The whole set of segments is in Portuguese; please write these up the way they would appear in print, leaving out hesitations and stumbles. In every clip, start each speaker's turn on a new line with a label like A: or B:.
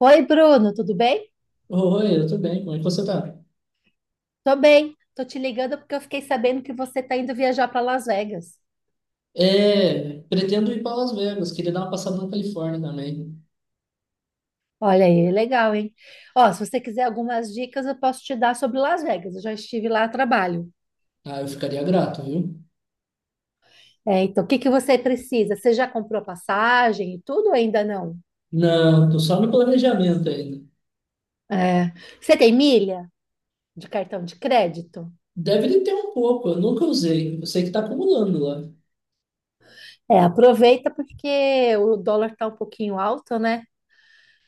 A: Oi, Bruno, tudo bem?
B: Oi, eu tô bem, como é que você tá?
A: Tô bem. Tô te ligando porque eu fiquei sabendo que você tá indo viajar para Las Vegas.
B: É, pretendo ir para Las Vegas, queria dar uma passada na Califórnia também.
A: Olha aí, legal, hein? Ó, se você quiser algumas dicas, eu posso te dar sobre Las Vegas. Eu já estive lá a trabalho.
B: Ah, eu ficaria grato, viu?
A: É, então, o que que você precisa? Você já comprou a passagem e tudo ou ainda não?
B: Não, tô só no planejamento ainda.
A: É. Você tem milha de cartão de crédito?
B: Deve ter um pouco, eu nunca usei. Eu sei que tá acumulando lá.
A: É, aproveita porque o dólar tá um pouquinho alto, né?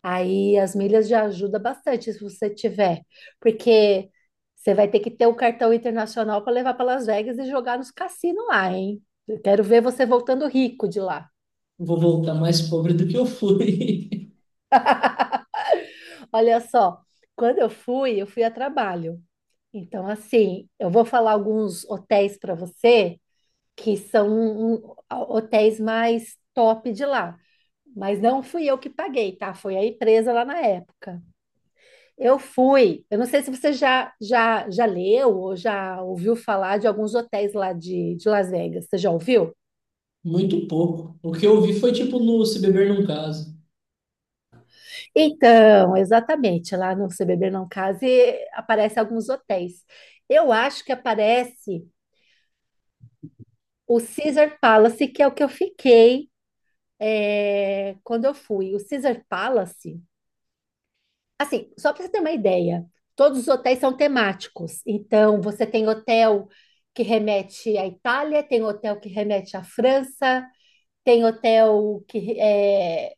A: Aí as milhas já ajuda bastante se você tiver, porque você vai ter que ter o cartão internacional para levar para Las Vegas e jogar nos cassinos lá, hein? Eu quero ver você voltando rico de lá.
B: Vou voltar mais pobre do que eu fui.
A: Olha só, quando eu fui a trabalho. Então, assim, eu vou falar alguns hotéis para você que são hotéis mais top de lá. Mas não fui eu que paguei, tá? Foi a empresa lá na época. Eu fui. Eu não sei se você já leu ou já ouviu falar de alguns hotéis lá de Las Vegas. Você já ouviu?
B: Muito pouco. O que eu vi foi tipo no Se Beber Não Case.
A: Então, exatamente. Lá no Se Beber Não Case aparecem alguns hotéis. Eu acho que aparece o Caesar Palace, que é o que eu fiquei quando eu fui. O Caesar Palace. Assim, só para você ter uma ideia, todos os hotéis são temáticos. Então, você tem hotel que remete à Itália, tem hotel que remete à França. Tem hotel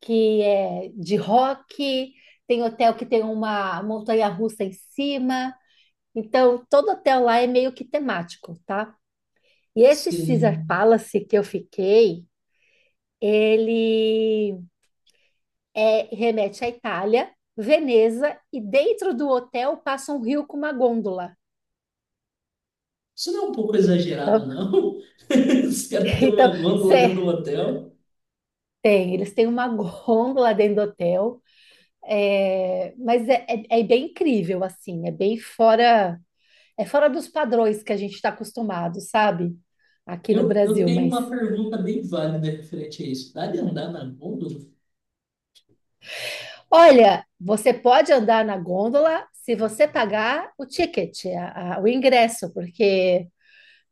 A: que é de rock, tem hotel que tem uma montanha-russa em cima. Então, todo hotel lá é meio que temático, tá? E esse Caesar
B: Sim.
A: Palace que eu fiquei, ele remete à Itália, Veneza, e dentro do hotel passa um rio com uma gôndola.
B: Isso não é um pouco exagerado,
A: Então,
B: não? Os caras têm
A: então
B: uma gôndola dentro
A: cê-
B: do hotel.
A: tem, eles têm uma gôndola dentro do hotel. É, mas é bem incrível, assim, é bem fora, é fora dos padrões que a gente está acostumado, sabe? Aqui no
B: Eu
A: Brasil,
B: tenho
A: mas
B: uma pergunta bem válida referente a isso. Dá de andar na gôndola?
A: olha, você pode andar na gôndola se você pagar o ticket, o ingresso, porque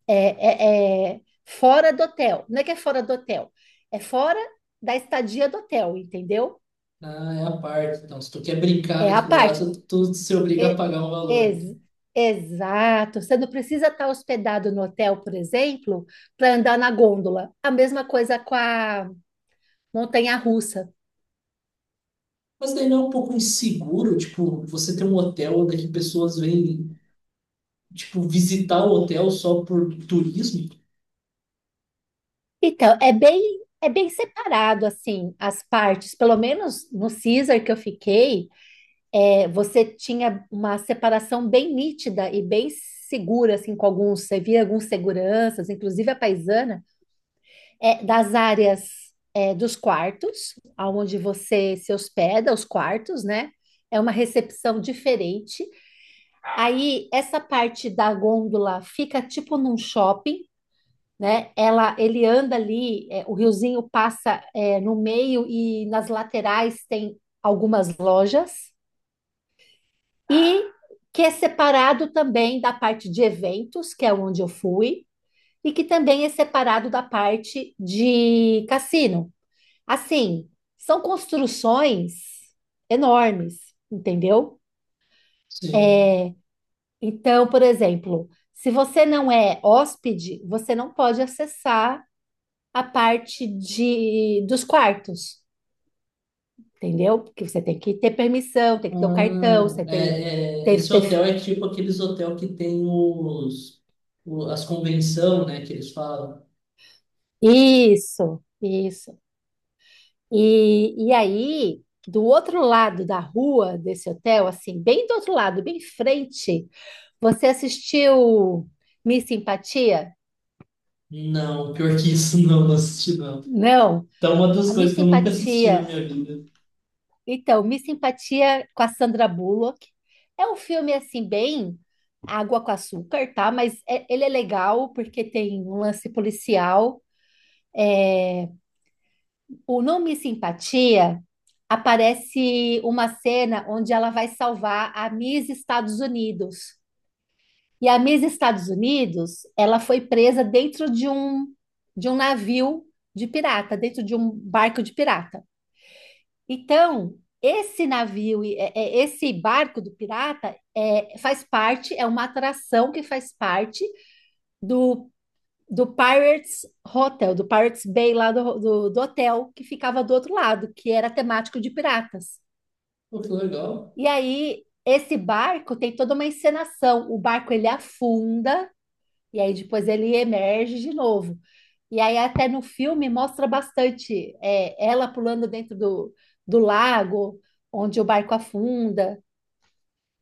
A: é, é fora do hotel. Não é que é fora do hotel, é fora da estadia do hotel, entendeu?
B: Ah, é a parte. Então, se tu quer brincar
A: É a
B: naquilo lá,
A: parte.
B: tu se obriga a
A: E-
B: pagar um valor. Então.
A: ex- exato. Você não precisa estar hospedado no hotel, por exemplo, para andar na gôndola. A mesma coisa com a montanha-russa.
B: Mas daí não é um pouco inseguro, tipo, você ter um hotel onde que pessoas vêm, tipo, visitar o hotel só por turismo?
A: Então, é bem separado, assim, as partes. Pelo menos no Caesar que eu fiquei, é, você tinha uma separação bem nítida e bem segura, assim, com alguns. Você via alguns seguranças, inclusive a paisana, é, das áreas, é, dos quartos, aonde você se hospeda, os quartos, né? É uma recepção diferente. Aí essa parte da gôndola fica tipo num shopping, né? Ele anda ali, é, o riozinho passa, é, no meio e nas laterais tem algumas lojas e que é separado também da parte de eventos, que é onde eu fui, e que também é separado da parte de cassino. Assim, são construções enormes, entendeu?
B: Sim.
A: Então, por exemplo, se você não é hóspede, você não pode acessar a parte de dos quartos, entendeu? Porque você tem que ter permissão, tem que ter o cartão,
B: Ah,
A: você tem,
B: é,
A: teve que
B: esse
A: ter.
B: hotel é tipo aqueles hotel que tem as convenção, né, que eles falam.
A: Isso, isso. E aí, do outro lado da rua desse hotel, assim, bem do outro lado, bem em frente, você assistiu Miss Simpatia?
B: Não, pior que isso, não, não assisti, não.
A: Não,
B: Então, uma das
A: a Miss
B: coisas que eu nunca assisti na
A: Simpatia.
B: minha vida.
A: Então, Miss Simpatia com a Sandra Bullock. É um filme assim bem água com açúcar, tá? Mas ele é legal porque tem um lance policial. O No Miss Simpatia aparece uma cena onde ela vai salvar a Miss Estados Unidos. E a Miss Estados Unidos, ela foi presa dentro de um navio de pirata, dentro de um barco de pirata. Então, esse navio, esse barco do pirata, é, faz parte, é uma atração que faz parte do, do Pirates Hotel, do Pirates Bay lá do hotel que ficava do outro lado, que era temático de piratas.
B: Pô, que legal.
A: E aí, esse barco tem toda uma encenação. O barco ele afunda e aí depois ele emerge de novo. E aí até no filme mostra bastante, é, ela pulando dentro do, do lago, onde o barco afunda,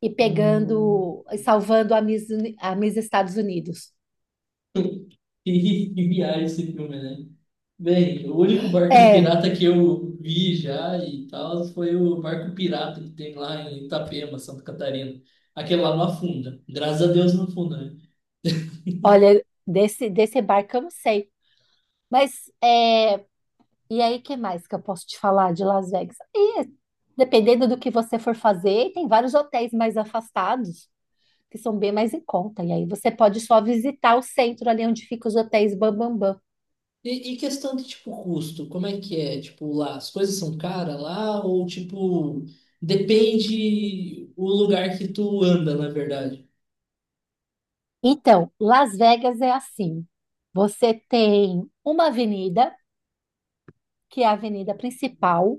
A: e
B: Hum.
A: pegando, e salvando a a Miss Estados Unidos.
B: Que viagem esse filme, né? Bem, o único barco de
A: É,
B: pirata que eu vi já e tal foi o barco pirata que tem lá em Itapema, Santa Catarina. Aquele lá não afunda. Graças a Deus não afunda, né?
A: olha, desse barco eu não sei. Mas, é, e aí, que mais que eu posso te falar de Las Vegas? E, dependendo do que você for fazer, tem vários hotéis mais afastados, que são bem mais em conta. E aí você pode só visitar o centro ali onde ficam os hotéis Bambambam. Bam, bam.
B: E questão de, tipo, custo, como é que é? Tipo, lá, as coisas são caras lá ou, tipo, depende o lugar que tu anda, na verdade?
A: Então, Las Vegas é assim. Você tem uma avenida, que é a avenida principal,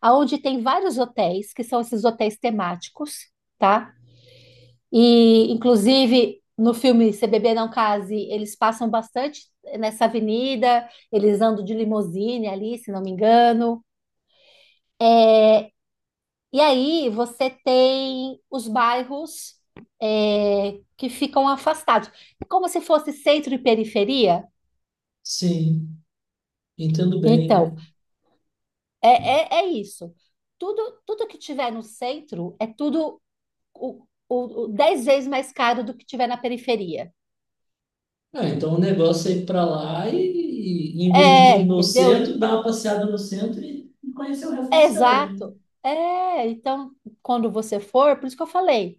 A: aonde tem vários hotéis, que são esses hotéis temáticos, tá? E, inclusive, no filme Se Beber Não Case, eles passam bastante nessa avenida, eles andam de limusine ali, se não me engano. E aí você tem os bairros, é, que ficam afastados. É como se fosse centro e periferia.
B: Sim, entendo
A: Então,
B: bem.
A: é, é isso. Tudo que tiver no centro é tudo o 10 vezes mais caro do que tiver na periferia.
B: Ah, então o negócio é ir pra lá e em vez de
A: É,
B: ir no
A: entendeu?
B: centro, dar uma passeada no centro e conhecer o resto da
A: É,
B: cidade.
A: exato. É, então, quando você for, por isso que eu falei,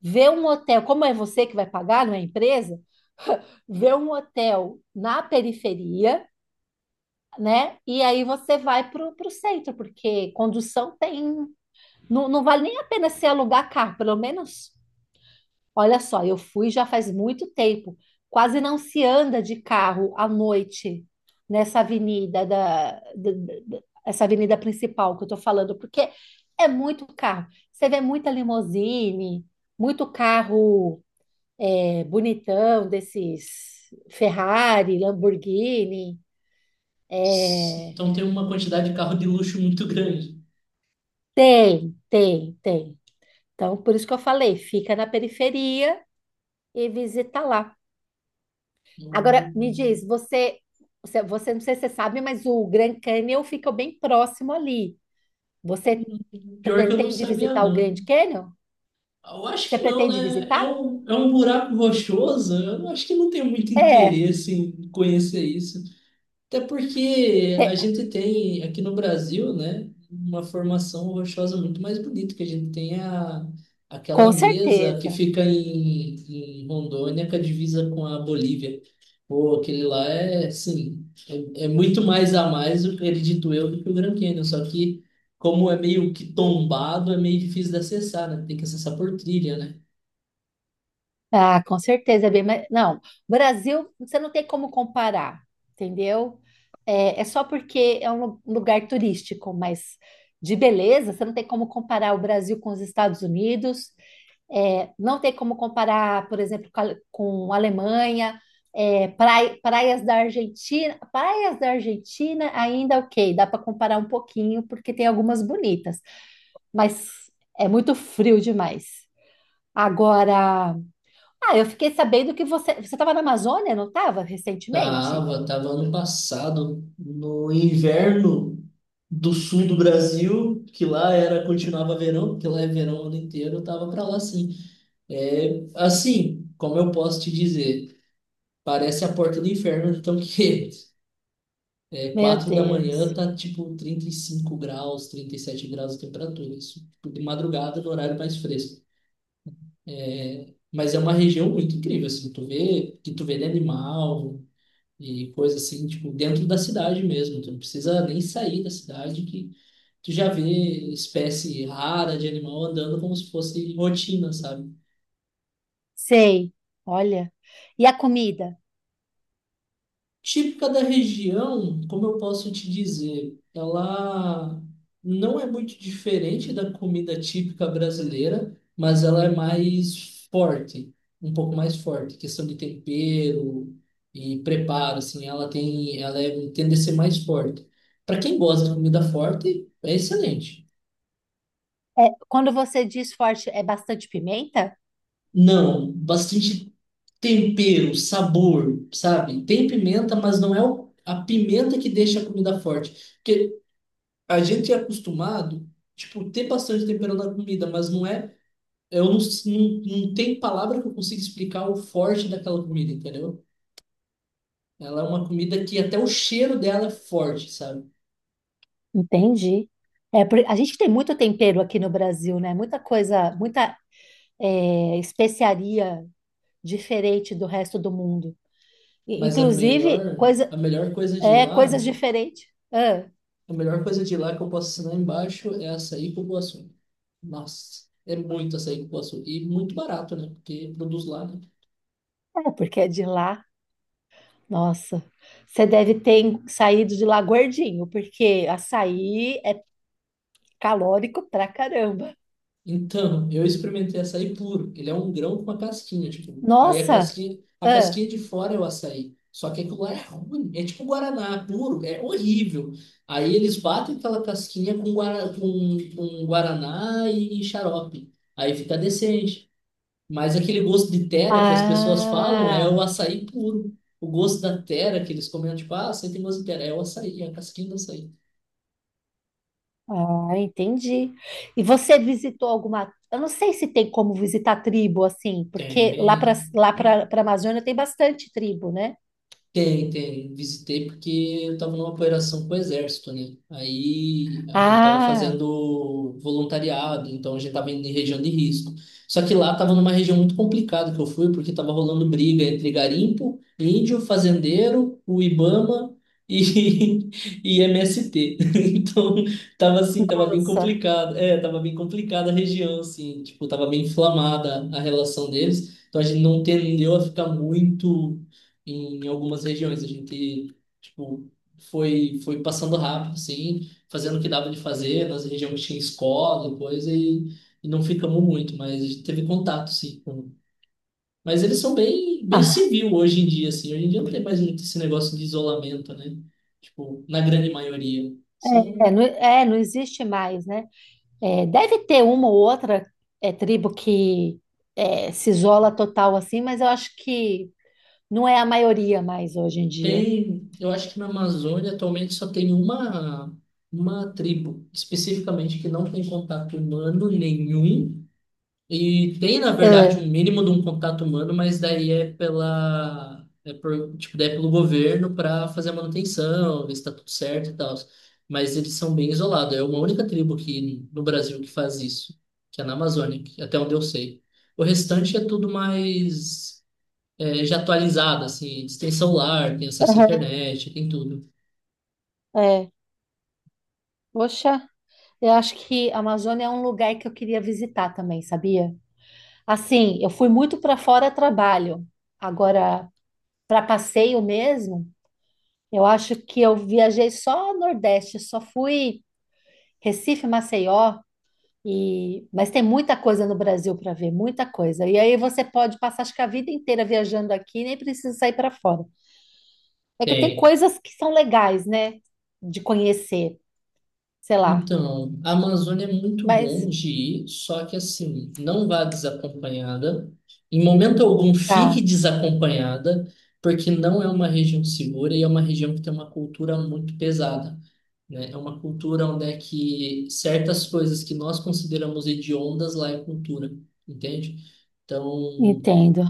A: vê um hotel, como é você que vai pagar, não é a empresa, vê um hotel na periferia, né? E aí você vai para o centro, porque condução tem. Não, não vale nem a pena se alugar carro, pelo menos. Olha só, eu fui já faz muito tempo. Quase não se anda de carro à noite nessa avenida essa avenida principal que eu estou falando, porque é muito carro. Você vê muita limusine, muito carro, é, bonitão desses Ferrari, Lamborghini.
B: Então tem uma quantidade de carro de luxo muito grande.
A: Tem, tem, tem. Então, por isso que eu falei, fica na periferia e visita lá. Agora, me diz,
B: Hum.
A: você- não sei se você sabe, mas o Grand Canyon fica bem próximo ali. Você
B: Pior que eu não
A: pretende
B: sabia,
A: visitar o Grand
B: não.
A: Canyon?
B: Eu acho
A: Você
B: que não,
A: pretende
B: né? É
A: visitar?
B: um, é um buraco rochoso. Eu acho que não tem muito
A: É,
B: interesse em conhecer isso. Até porque a
A: te-
B: gente tem aqui no Brasil, né, uma formação rochosa muito mais bonita, que a gente tem aquela
A: com
B: mesa que
A: certeza.
B: fica em Rondônia, que a divisa com a Bolívia. Pô, aquele lá é, sim, é muito mais a mais, eu acredito eu, do que o Grand Canyon. Só que, como é meio que tombado, é meio difícil de acessar, né? Tem que acessar por trilha, né?
A: Ah, com certeza, não, Brasil, você não tem como comparar, entendeu? É, é só porque é um lugar turístico, mas de beleza, você não tem como comparar o Brasil com os Estados Unidos. É, não tem como comparar, por exemplo, com a Alemanha, é, praias da Argentina. Praias da Argentina ainda ok, dá para comparar um pouquinho, porque tem algumas bonitas, mas é muito frio demais. Agora, ah, eu fiquei sabendo que você estava na Amazônia, não estava, recentemente?
B: Tava ano passado, no inverno do sul do Brasil, que lá era, continuava verão, porque lá é verão o ano inteiro, eu tava pra lá sim. É, assim, como eu posso te dizer, parece a porta do inferno, então que
A: Meu
B: 4 da manhã
A: Deus,
B: tá tipo 35 graus, 37 graus de temperatura, isso tipo, de madrugada no horário mais fresco. Mas é uma região muito incrível, assim, tu vê que tu vê de animal. E coisa assim, tipo, dentro da cidade mesmo. Tu não precisa nem sair da cidade que tu já vê espécie rara de animal andando como se fosse rotina, sabe?
A: sei, olha. E a comida?
B: Típica da região, como eu posso te dizer, ela não é muito diferente da comida típica brasileira, mas ela é mais forte, um pouco mais forte, questão de tempero e preparo, assim, ela tem, ela é, tende a ser mais forte. Para quem gosta de comida forte, é excelente.
A: É, quando você diz forte, é bastante pimenta?
B: Não, bastante tempero, sabor, sabe? Tem pimenta, mas não é a pimenta que deixa a comida forte. Porque a gente é acostumado, tipo, ter bastante tempero na comida, mas não é. Eu não, não, não tem palavra que eu consiga explicar o forte daquela comida, entendeu? Ela é uma comida que até o cheiro dela é forte, sabe?
A: Entendi. É, a gente tem muito tempero aqui no Brasil, né? Muita coisa, muita, é, especiaria diferente do resto do mundo. E,
B: Mas a
A: inclusive,
B: melhor, a
A: coisa,
B: melhor coisa de
A: é,
B: lá,
A: coisas diferentes. Ah,
B: a melhor coisa de lá que eu posso assinar embaixo é açaí com cupuaçu. Nossa, é muito açaí com cupuaçu. E muito barato, né? Porque produz lá, né?
A: é, porque é de lá. Nossa, você deve ter saído de lá gordinho, porque açaí é calórico pra caramba.
B: Então, eu experimentei açaí puro. Ele é um grão com uma casquinha, tipo. Aí a
A: Nossa!
B: casquinha, a
A: Ah,
B: casquinha de fora é o açaí. Só que aquilo lá é ruim. É tipo guaraná puro, é horrível. Aí eles batem aquela casquinha com guaraná e xarope. Aí fica decente. Mas aquele gosto de tera que as pessoas falam é o
A: ah.
B: açaí puro. O gosto da tera que eles comentam, tipo, ah, você tem gosto de tera. É o açaí, é a casquinha do açaí.
A: Ah, entendi. E você visitou alguma? Eu não sei se tem como visitar tribo assim, porque lá
B: Tem.
A: para Amazônia tem bastante tribo, né?
B: Tem, tem. Visitei porque eu estava numa operação com o exército, né? Aí a gente estava
A: Ah,
B: fazendo voluntariado, então a gente estava indo em região de risco. Só que lá estava numa região muito complicada que eu fui, porque estava rolando briga entre garimpo, índio, fazendeiro, o Ibama e, e MST. Então tava assim, tava bem
A: nossa.
B: complicado. É, tava bem complicada a região, assim. Tipo, tava bem inflamada a relação deles. Então a gente não tendeu a ficar muito em algumas regiões. A gente, tipo, foi passando rápido, assim, fazendo o que dava de fazer, nas regiões que tinha escola e coisa, e não ficamos muito, mas a gente teve contato, sim. Mas eles são bem, bem
A: Ah,
B: civil hoje em dia, assim. Hoje em dia não tem mais muito esse negócio de isolamento, né? Tipo, na grande maioria. São,
A: é, não existe mais, né? É, deve ter uma ou outra, é, tribo que, é, se isola total assim, mas eu acho que não é a maioria mais hoje em dia.
B: tem, eu acho que na Amazônia atualmente só tem uma tribo especificamente que não tem contato humano nenhum. E tem, na verdade,
A: É,
B: um mínimo de um contato humano, mas daí é pela. É por, tipo, daí é pelo governo para fazer a manutenção, ver se tá tudo certo e tal. Mas eles são bem isolados. É uma única tribo aqui no Brasil que faz isso, que é na Amazônia, até onde eu sei. O restante é tudo mais já atualizado, assim. Eles têm celular, têm acesso à internet, tem tudo.
A: é. Poxa, eu acho que a Amazônia é um lugar que eu queria visitar também, sabia? Assim, eu fui muito para fora a trabalho. Agora, para passeio mesmo, eu acho que eu viajei só Nordeste, só fui Recife, Maceió, e... mas tem muita coisa no Brasil para ver, muita coisa. E aí você pode passar, acho que a vida inteira viajando aqui, nem precisa sair para fora. É que tem
B: Tem.
A: coisas que são legais, né? De conhecer, sei lá.
B: Então, a Amazônia é muito bom
A: Mas
B: de ir, só que assim, não vá desacompanhada. Em momento algum, fique
A: tá,
B: desacompanhada, porque não é uma região segura e é uma região que tem uma cultura muito pesada, né? É uma cultura onde é que certas coisas que nós consideramos hediondas lá é cultura, entende? Então,
A: entendo.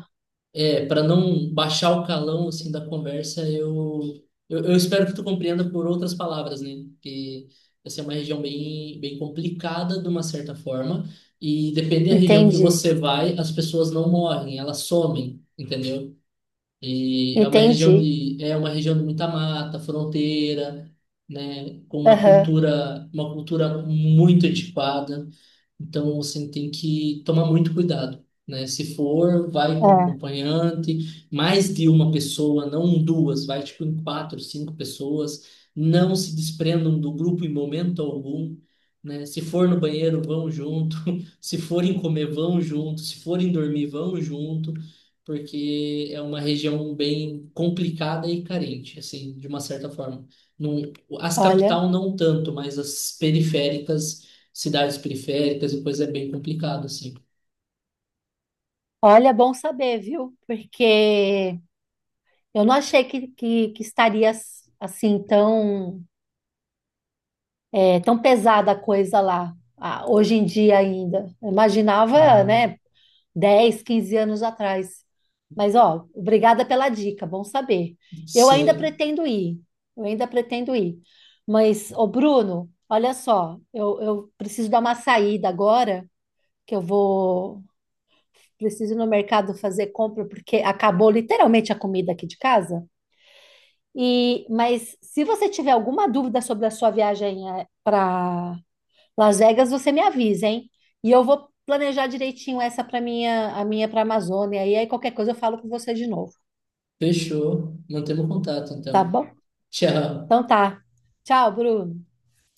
B: para não baixar o calão assim da conversa, eu espero que tu compreenda por outras palavras, né? Que essa é uma região bem bem complicada de uma certa forma e depende da região que
A: Entendi.
B: você vai, as pessoas não morrem, elas somem, entendeu? E é uma região
A: Entendi.
B: de é uma região de muita mata, fronteira, né? Com uma
A: Aham.
B: cultura uma cultura muito antiquada. Então você tem que tomar muito cuidado, né? Se for, vai com um
A: É.
B: acompanhante, mais de uma pessoa, não duas, vai tipo em quatro, cinco pessoas. Não se desprendam do grupo em momento algum, né? Se for no banheiro, vão junto. Se forem comer, vão junto. Se forem dormir, vão junto, porque é uma região bem complicada e carente, assim, de uma certa forma. Não, as
A: Olha.
B: capital não tanto, mas as periféricas cidades periféricas, e coisa é bem complicado, assim.
A: Olha, é bom saber, viu? Porque eu não achei que estaria assim tão, é, tão pesada a coisa lá, ah, hoje em dia ainda. Eu imaginava,
B: Ah,
A: né, 10, 15 anos atrás. Mas, ó, obrigada pela dica, bom saber. Eu ainda
B: sim.
A: pretendo ir, eu ainda pretendo ir. Mas, ô Bruno, olha só, eu preciso dar uma saída agora, que eu vou, preciso ir no mercado fazer compra porque acabou literalmente a comida aqui de casa. E, mas se você tiver alguma dúvida sobre a sua viagem para Las Vegas, você me avisa, hein? E eu vou planejar direitinho essa para a minha para Amazônia. E aí qualquer coisa eu falo com você de novo,
B: Fechou. Mantemos contato,
A: tá
B: então.
A: bom?
B: Tchau.
A: Então tá. Tchau, Bruno.